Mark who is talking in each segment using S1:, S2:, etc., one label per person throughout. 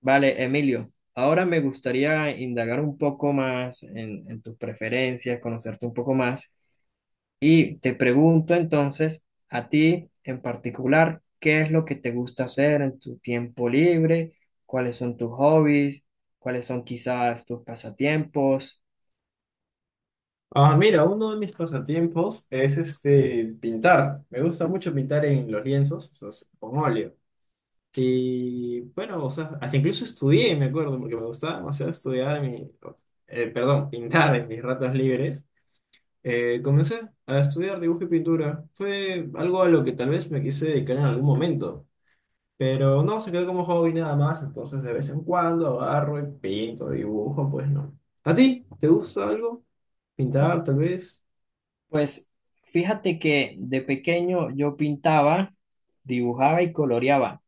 S1: Vale, Emilio, ahora me gustaría indagar un poco más en tus preferencias, conocerte un poco más y te pregunto entonces a ti en particular, ¿qué es lo que te gusta hacer en tu tiempo libre? ¿Cuáles son tus hobbies? ¿Cuáles son quizás tus pasatiempos?
S2: Ah, mira, uno de mis pasatiempos es este pintar. Me gusta mucho pintar en los lienzos, o sea, con óleo. Y bueno, o sea, hasta incluso estudié, me acuerdo, porque me gustaba demasiado estudiar, en mi, perdón, pintar en mis ratos libres. Comencé a estudiar dibujo y pintura. Fue algo a lo que tal vez me quise dedicar en algún momento, pero no, se quedó como hobby nada más. Entonces, de vez en cuando agarro y pinto, dibujo, pues no. ¿A ti? ¿Te gusta algo? ¿Pintar, tal vez?
S1: Pues fíjate que de pequeño yo pintaba, dibujaba y coloreaba.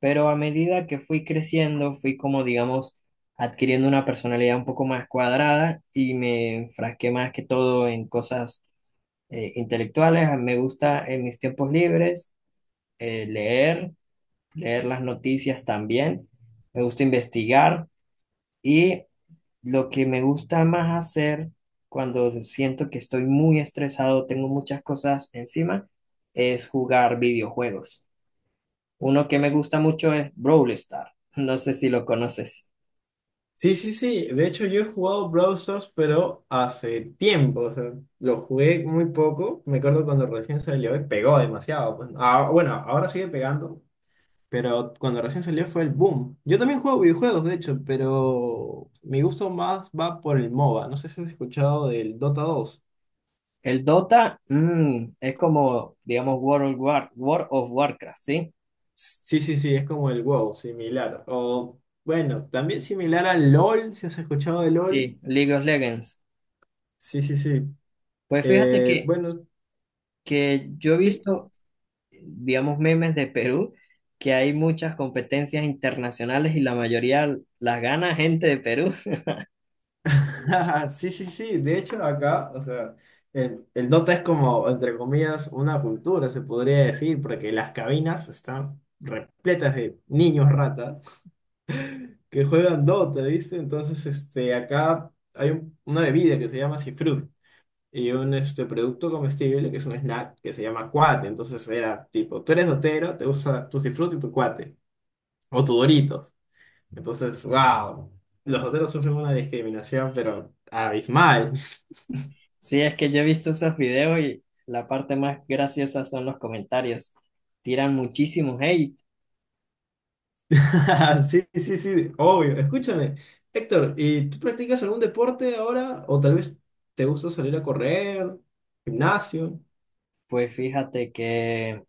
S1: Pero a medida que fui creciendo, fui como, digamos, adquiriendo una personalidad un poco más cuadrada y me enfrasqué más que todo en cosas intelectuales. Me gusta en mis tiempos libres leer, leer las noticias también. Me gusta investigar y lo que me gusta más hacer cuando siento que estoy muy estresado, tengo muchas cosas encima, es jugar videojuegos. Uno que me gusta mucho es Brawl Stars. No sé si lo conoces.
S2: Sí, sí, sí. De hecho, yo he jugado Brawl Stars, pero hace tiempo. O sea, lo jugué muy poco. Me acuerdo cuando recién salió y pegó demasiado, pues. Ah, bueno, ahora sigue pegando, pero cuando recién salió fue el boom. Yo también juego videojuegos, de hecho, pero mi gusto más va por el MOBA. No sé si has escuchado del Dota dos.
S1: El Dota, es como, digamos, World of Warcraft, ¿sí?
S2: Sí, sí, sí, es como el WoW, similar. O bueno, también similar al LOL, si has escuchado de LOL.
S1: Sí, League of Legends.
S2: Sí, sí, sí.
S1: Pues fíjate que,
S2: Bueno,
S1: que yo he
S2: sí.
S1: visto, digamos, memes de Perú, que hay muchas competencias internacionales y la mayoría las gana gente de Perú.
S2: Sí, sí, sí. De hecho, acá, o sea, el Dota es como, entre comillas, una cultura, se podría decir, porque las cabinas están repletas de niños ratas que juegan Dota, ¿viste? Entonces, este, acá hay una bebida que se llama Cifrut y un este, producto comestible que es un snack que se llama cuate. Entonces, era tipo, tú eres dotero, te gusta tu Cifrut y tu cuate, o tu Doritos. Entonces, wow, los doteros sufren una discriminación, pero abismal.
S1: Sí, es que yo he visto esos videos y la parte más graciosa son los comentarios. Tiran muchísimos hate.
S2: Sí, sí, sí, obvio. Escúchame, Héctor, ¿y tú practicas algún deporte ahora? ¿O tal vez te gusta salir a correr, gimnasio?
S1: Pues fíjate que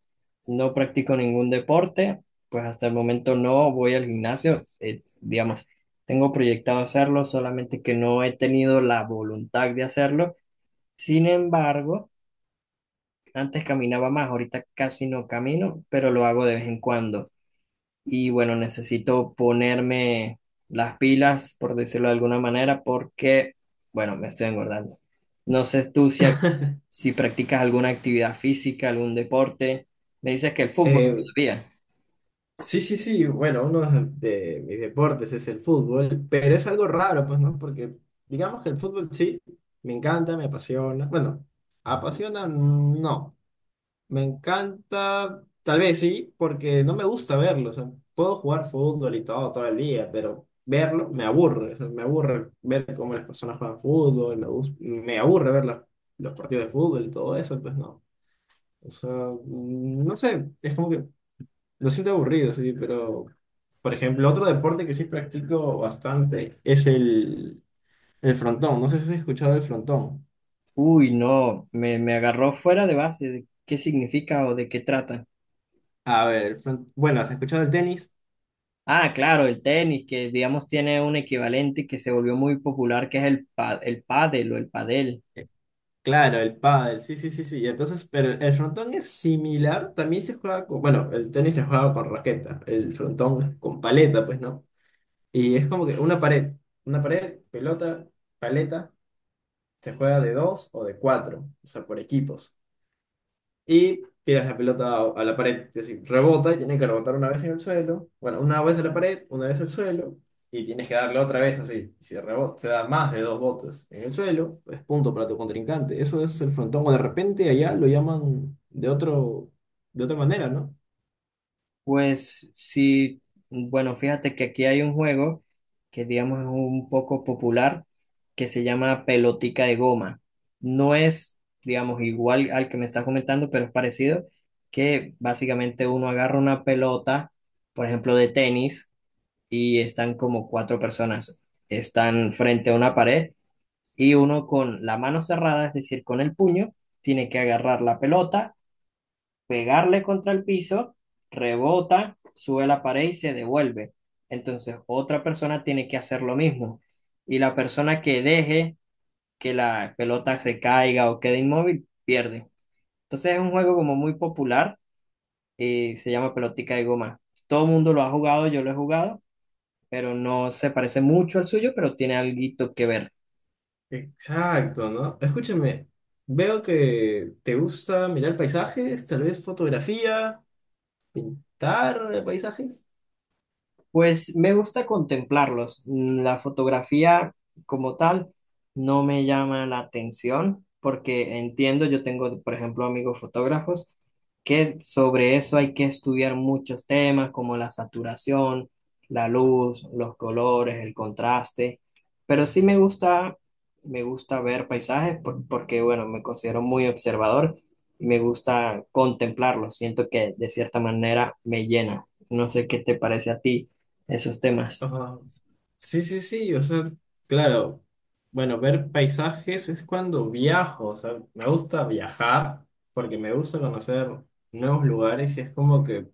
S1: no practico ningún deporte, pues hasta el momento no voy al gimnasio, digamos, tengo proyectado hacerlo, solamente que no he tenido la voluntad de hacerlo. Sin embargo, antes caminaba más, ahorita casi no camino, pero lo hago de vez en cuando y bueno, necesito ponerme las pilas, por decirlo de alguna manera, porque, bueno, me estoy engordando. No sé tú si, ac- si practicas alguna actividad física, algún deporte. Me dices que el fútbol
S2: Eh,
S1: todavía.
S2: sí, sí, sí, bueno, uno de mis deportes es el fútbol, pero es algo raro, pues, ¿no? Porque digamos que el fútbol sí, me encanta, me apasiona. Bueno, apasiona, no. Me encanta, tal vez sí, porque no me gusta verlo. O sea, puedo jugar fútbol y todo el día, pero verlo me aburre. O sea, me aburre ver cómo las personas juegan fútbol, me aburre ver los partidos de fútbol y todo eso, pues no. O sea, no sé, es como que lo siento aburrido, sí, pero, por ejemplo, otro deporte que sí practico bastante es el frontón. No sé si has escuchado el frontón.
S1: Uy, no, me agarró fuera de base. ¿Qué significa o de qué trata?
S2: A ver, bueno, ¿has escuchado el tenis?
S1: Ah, claro, el tenis, que digamos tiene un equivalente que se volvió muy popular, que es el pádel o el padel.
S2: Claro, el pádel, sí, sí, sí, sí. Entonces, pero el frontón es similar, también se juega con, bueno, el tenis se juega con raqueta, el frontón es con paleta, pues, ¿no? Y es como que una pared, pelota, paleta, se juega de dos o de cuatro, o sea, por equipos y tiras la pelota a la pared. Es decir, rebota y tiene que rebotar una vez en el suelo. Bueno, una vez a la pared, una vez al suelo. Y tienes que darle otra vez así. Si rebota, se da más de dos botes en el suelo, es punto para tu contrincante. Eso es el frontón. O de repente allá lo llaman de otro, de otra manera, ¿no?
S1: Pues sí, bueno, fíjate que aquí hay un juego que digamos es un poco popular que se llama pelotica de goma. No es, digamos, igual al que me estás comentando, pero es parecido, que básicamente uno agarra una pelota, por ejemplo, de tenis, y están como cuatro personas, están frente a una pared y uno con la mano cerrada, es decir, con el puño, tiene que agarrar la pelota pegarle contra el piso, rebota, sube la pared y se devuelve. Entonces, otra persona tiene que hacer lo mismo. Y la persona que deje que la pelota se caiga o quede inmóvil, pierde. Entonces, es un juego como muy popular y se llama pelotica de goma. Todo el mundo lo ha jugado, yo lo he jugado, pero no se parece mucho al suyo, pero tiene algo que ver.
S2: Exacto, ¿no? Escúchame, veo que te gusta mirar paisajes, tal vez fotografía, pintar paisajes.
S1: Pues me gusta contemplarlos. La fotografía como tal no me llama la atención porque entiendo, yo tengo, por ejemplo, amigos fotógrafos que sobre eso hay que estudiar muchos temas como la saturación, la luz, los colores, el contraste, pero sí me gusta ver paisajes porque, bueno, me considero muy observador y me gusta contemplarlos. Siento que de cierta manera me llena. No sé qué te parece a ti esos temas.
S2: Ajá. Sí, sí, sí, o sea, claro, bueno, ver paisajes es cuando viajo, o sea, me gusta viajar porque me gusta conocer nuevos lugares y es como que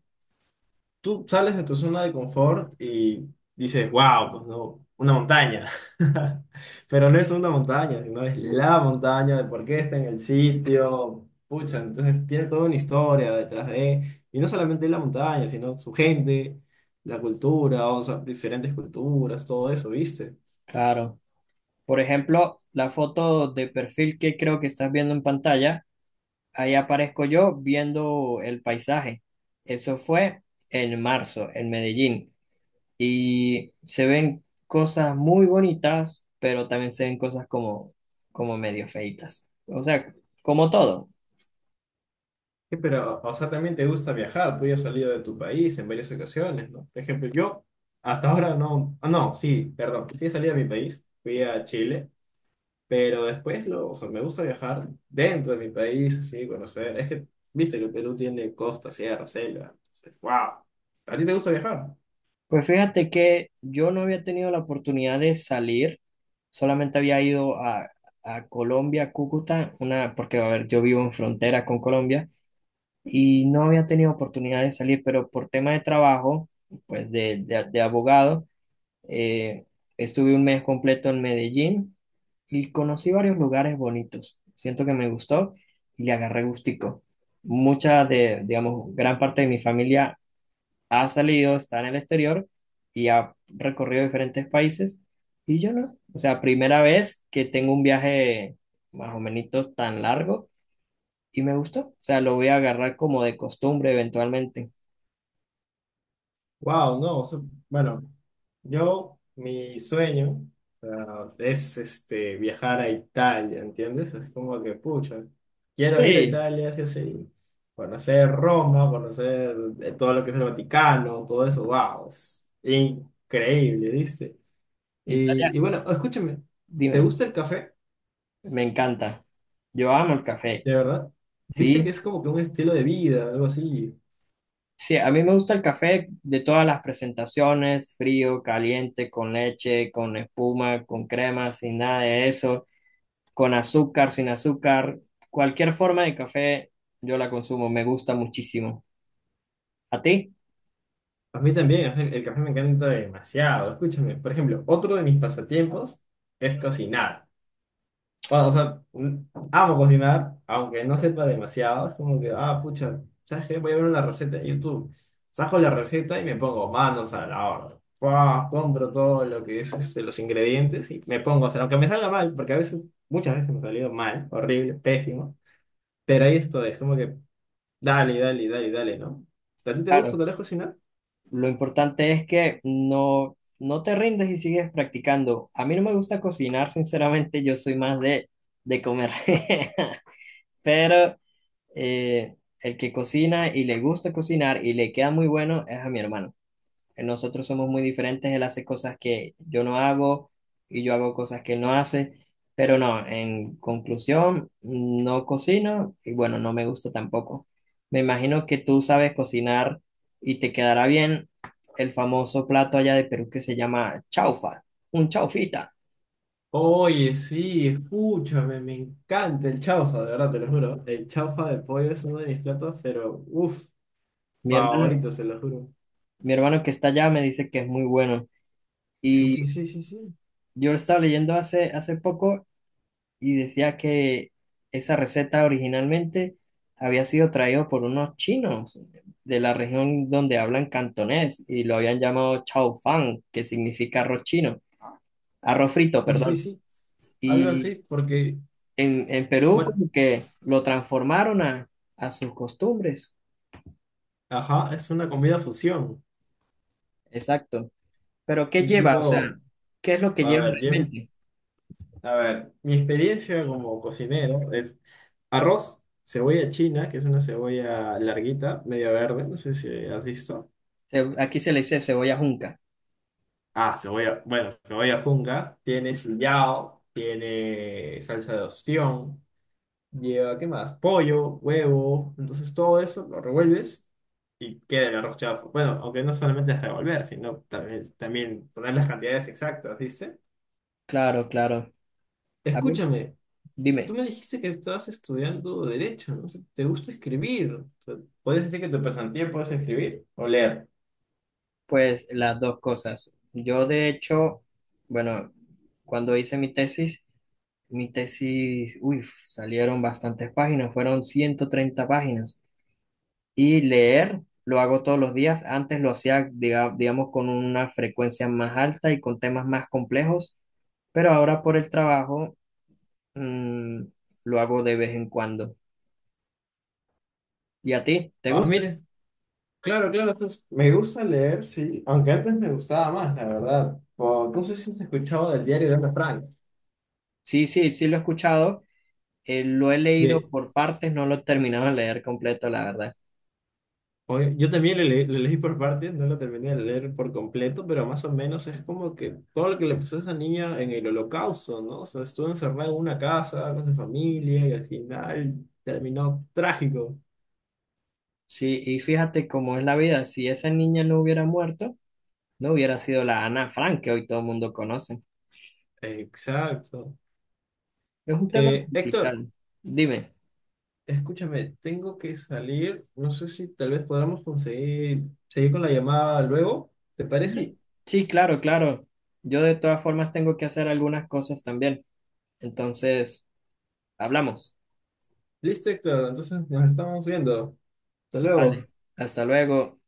S2: tú sales de tu zona de confort y dices, wow, pues no, una montaña, pero no es una montaña, sino es la montaña, de por qué está en el sitio, pucha, entonces tiene toda una historia detrás de, y no solamente la montaña, sino su gente, la cultura, o sea, diferentes culturas, todo eso, ¿viste?
S1: Claro. Por ejemplo, la foto de perfil que creo que estás viendo en pantalla, ahí aparezco yo viendo el paisaje. Eso fue en marzo, en Medellín. Y se ven cosas muy bonitas, pero también se ven cosas como medio feitas. O sea, como todo.
S2: Sí, pero, o sea, también te gusta viajar, tú ya has salido de tu país en varias ocasiones, ¿no? Por ejemplo, yo hasta ahora no, ah, no, sí, perdón, sí he salido de mi país, fui a Chile, pero después, o sea, me gusta viajar dentro de mi país, así, conocer, es que, viste que el Perú tiene costa, sierra, selva, entonces, wow, ¿a ti te gusta viajar?
S1: Pues fíjate que yo no había tenido la oportunidad de salir, solamente había ido a Colombia, Cúcuta, una, porque a ver, yo vivo en frontera con Colombia y no había tenido oportunidad de salir, pero por tema de trabajo, pues de abogado, eh, estuve un mes completo en Medellín y conocí varios lugares bonitos. Siento que me gustó y le agarré gustico. Mucha de, digamos, gran parte de mi familia ha salido, está en el exterior y ha recorrido diferentes países y yo no. O sea, primera vez que tengo un viaje más o menos tan largo y me gustó. O sea, lo voy a agarrar como de costumbre eventualmente.
S2: Wow, no, bueno, yo, mi sueño, ah, es este, viajar a Italia, ¿entiendes? Es como que, pucha, quiero ir a
S1: Sí,
S2: Italia, sí, o sí, conocer Roma, conocer todo lo que es el Vaticano, todo eso, wow, es increíble, ¿viste?
S1: Italia,
S2: Y bueno, escúchame, ¿te
S1: dime,
S2: gusta el café?
S1: me encanta. Yo amo el café.
S2: De verdad, ¿viste que
S1: Sí,
S2: es como que un estilo de vida, algo así?
S1: sí, a mí me gusta el café de todas las presentaciones, frío, caliente, con leche, con espuma, con crema, sin nada de eso, con azúcar, sin azúcar, cualquier forma de café yo la consumo, me gusta muchísimo. ¿A ti?
S2: A mí también, o sea, el café me encanta demasiado. Escúchame, por ejemplo, otro de mis pasatiempos es cocinar. Bueno, o sea, amo cocinar, aunque no sepa demasiado. Es como que, ah, pucha, ¿sabes qué? Voy a ver una receta de YouTube. Saco la receta y me pongo manos a la obra. Fua, compro todo lo que es este, los ingredientes y me pongo a hacer, aunque me salga mal, porque a veces, muchas veces me ha salido mal, horrible, pésimo. Pero ahí estoy, es como que, dale, dale, dale, dale, ¿no? ¿A ti te gusta
S1: Claro.
S2: tal vez cocinar?
S1: Lo importante es que no, no te rindes y sigues practicando. A mí no me gusta cocinar, sinceramente, yo soy más de comer. Pero eh, el que cocina y le gusta cocinar y le queda muy bueno es a mi hermano. Nosotros somos muy diferentes, él hace cosas que yo no hago y yo hago cosas que él no hace, pero no, en conclusión, no cocino y bueno, no me gusta tampoco. Me imagino que tú sabes cocinar y te quedará bien el famoso plato allá de Perú que se llama chaufa, un chaufita.
S2: Oye, sí, escúchame, me encanta el chaufa, de verdad, te lo juro. El chaufa de pollo es uno de mis platos, pero uff,
S1: Mi hermano,
S2: favorito, se lo juro.
S1: mi hermano que está allá me dice que es muy bueno.
S2: Sí, sí, sí, sí, sí.
S1: Yo lo estaba leyendo hace poco y decía que esa receta originalmente había sido traído por unos chinos de la región donde hablan cantonés y lo habían llamado chao fan, que significa arroz chino, arroz frito,
S2: Sí, sí,
S1: perdón.
S2: sí. Algo así,
S1: Y
S2: porque,
S1: en Perú
S2: bueno,
S1: como que lo transformaron a sus costumbres.
S2: ajá, es una comida fusión.
S1: Exacto. Pero ¿qué
S2: Sí,
S1: lleva? O sea,
S2: tipo,
S1: ¿qué es lo que
S2: a
S1: lleva
S2: ver, Jeff,
S1: realmente?
S2: a ver, mi experiencia como cocinero es arroz, cebolla china, que es una cebolla larguita, media verde, no sé si has visto.
S1: Aquí se le dice cebolla junca.
S2: Ah, cebolla, bueno, cebolla junca, tiene sillao, tiene salsa de ostión, lleva, ¿qué más? Pollo, huevo, entonces todo eso lo revuelves y queda el arroz chaufa. Bueno, aunque no solamente es revolver, sino también, también poner las cantidades exactas, ¿viste?
S1: Claro, claro. A mí,
S2: Escúchame, tú
S1: dime.
S2: me dijiste que estabas estudiando derecho, ¿no? ¿Te gusta escribir? O sea, ¿puedes decir que tu pasatiempo es escribir o leer?
S1: Pues las dos cosas. Yo de hecho, bueno, cuando hice mi tesis, uy, salieron bastantes páginas, fueron 130 páginas. Y leer lo hago todos los días. Antes lo hacía, digamos, con una frecuencia más alta y con temas más complejos, pero ahora por el trabajo, mm, lo hago de vez en cuando. ¿Y a ti? ¿Te
S2: Ah,
S1: gusta?
S2: mira. Claro, claro, entonces, me gusta leer, sí, aunque antes me gustaba más, la verdad. O, no sé si se escuchaba del diario de Ana Frank.
S1: Sí, sí, sí lo he escuchado. Lo he leído
S2: De,
S1: por partes, no lo he terminado de leer completo, la verdad.
S2: oye, yo también lo leí por partes, no lo terminé de leer por completo, pero más o menos es como que todo lo que le pasó a esa niña en el holocausto, ¿no? O sea, estuvo encerrada en una casa con su familia y al final terminó trágico.
S1: Sí, y fíjate cómo es la vida. Si esa niña no hubiera muerto, no hubiera sido la Ana Frank que hoy todo el mundo conoce.
S2: Exacto.
S1: Es un tema
S2: Héctor,
S1: complicado. Dime.
S2: escúchame, tengo que salir, no sé si tal vez podamos conseguir seguir con la llamada luego. ¿Te parece?
S1: Sí, sí, claro, claro. Yo de todas formas tengo que hacer algunas cosas también. Entonces, hablamos.
S2: Listo, Héctor. Entonces nos estamos viendo. Hasta
S1: Vale.
S2: luego.
S1: Hasta luego.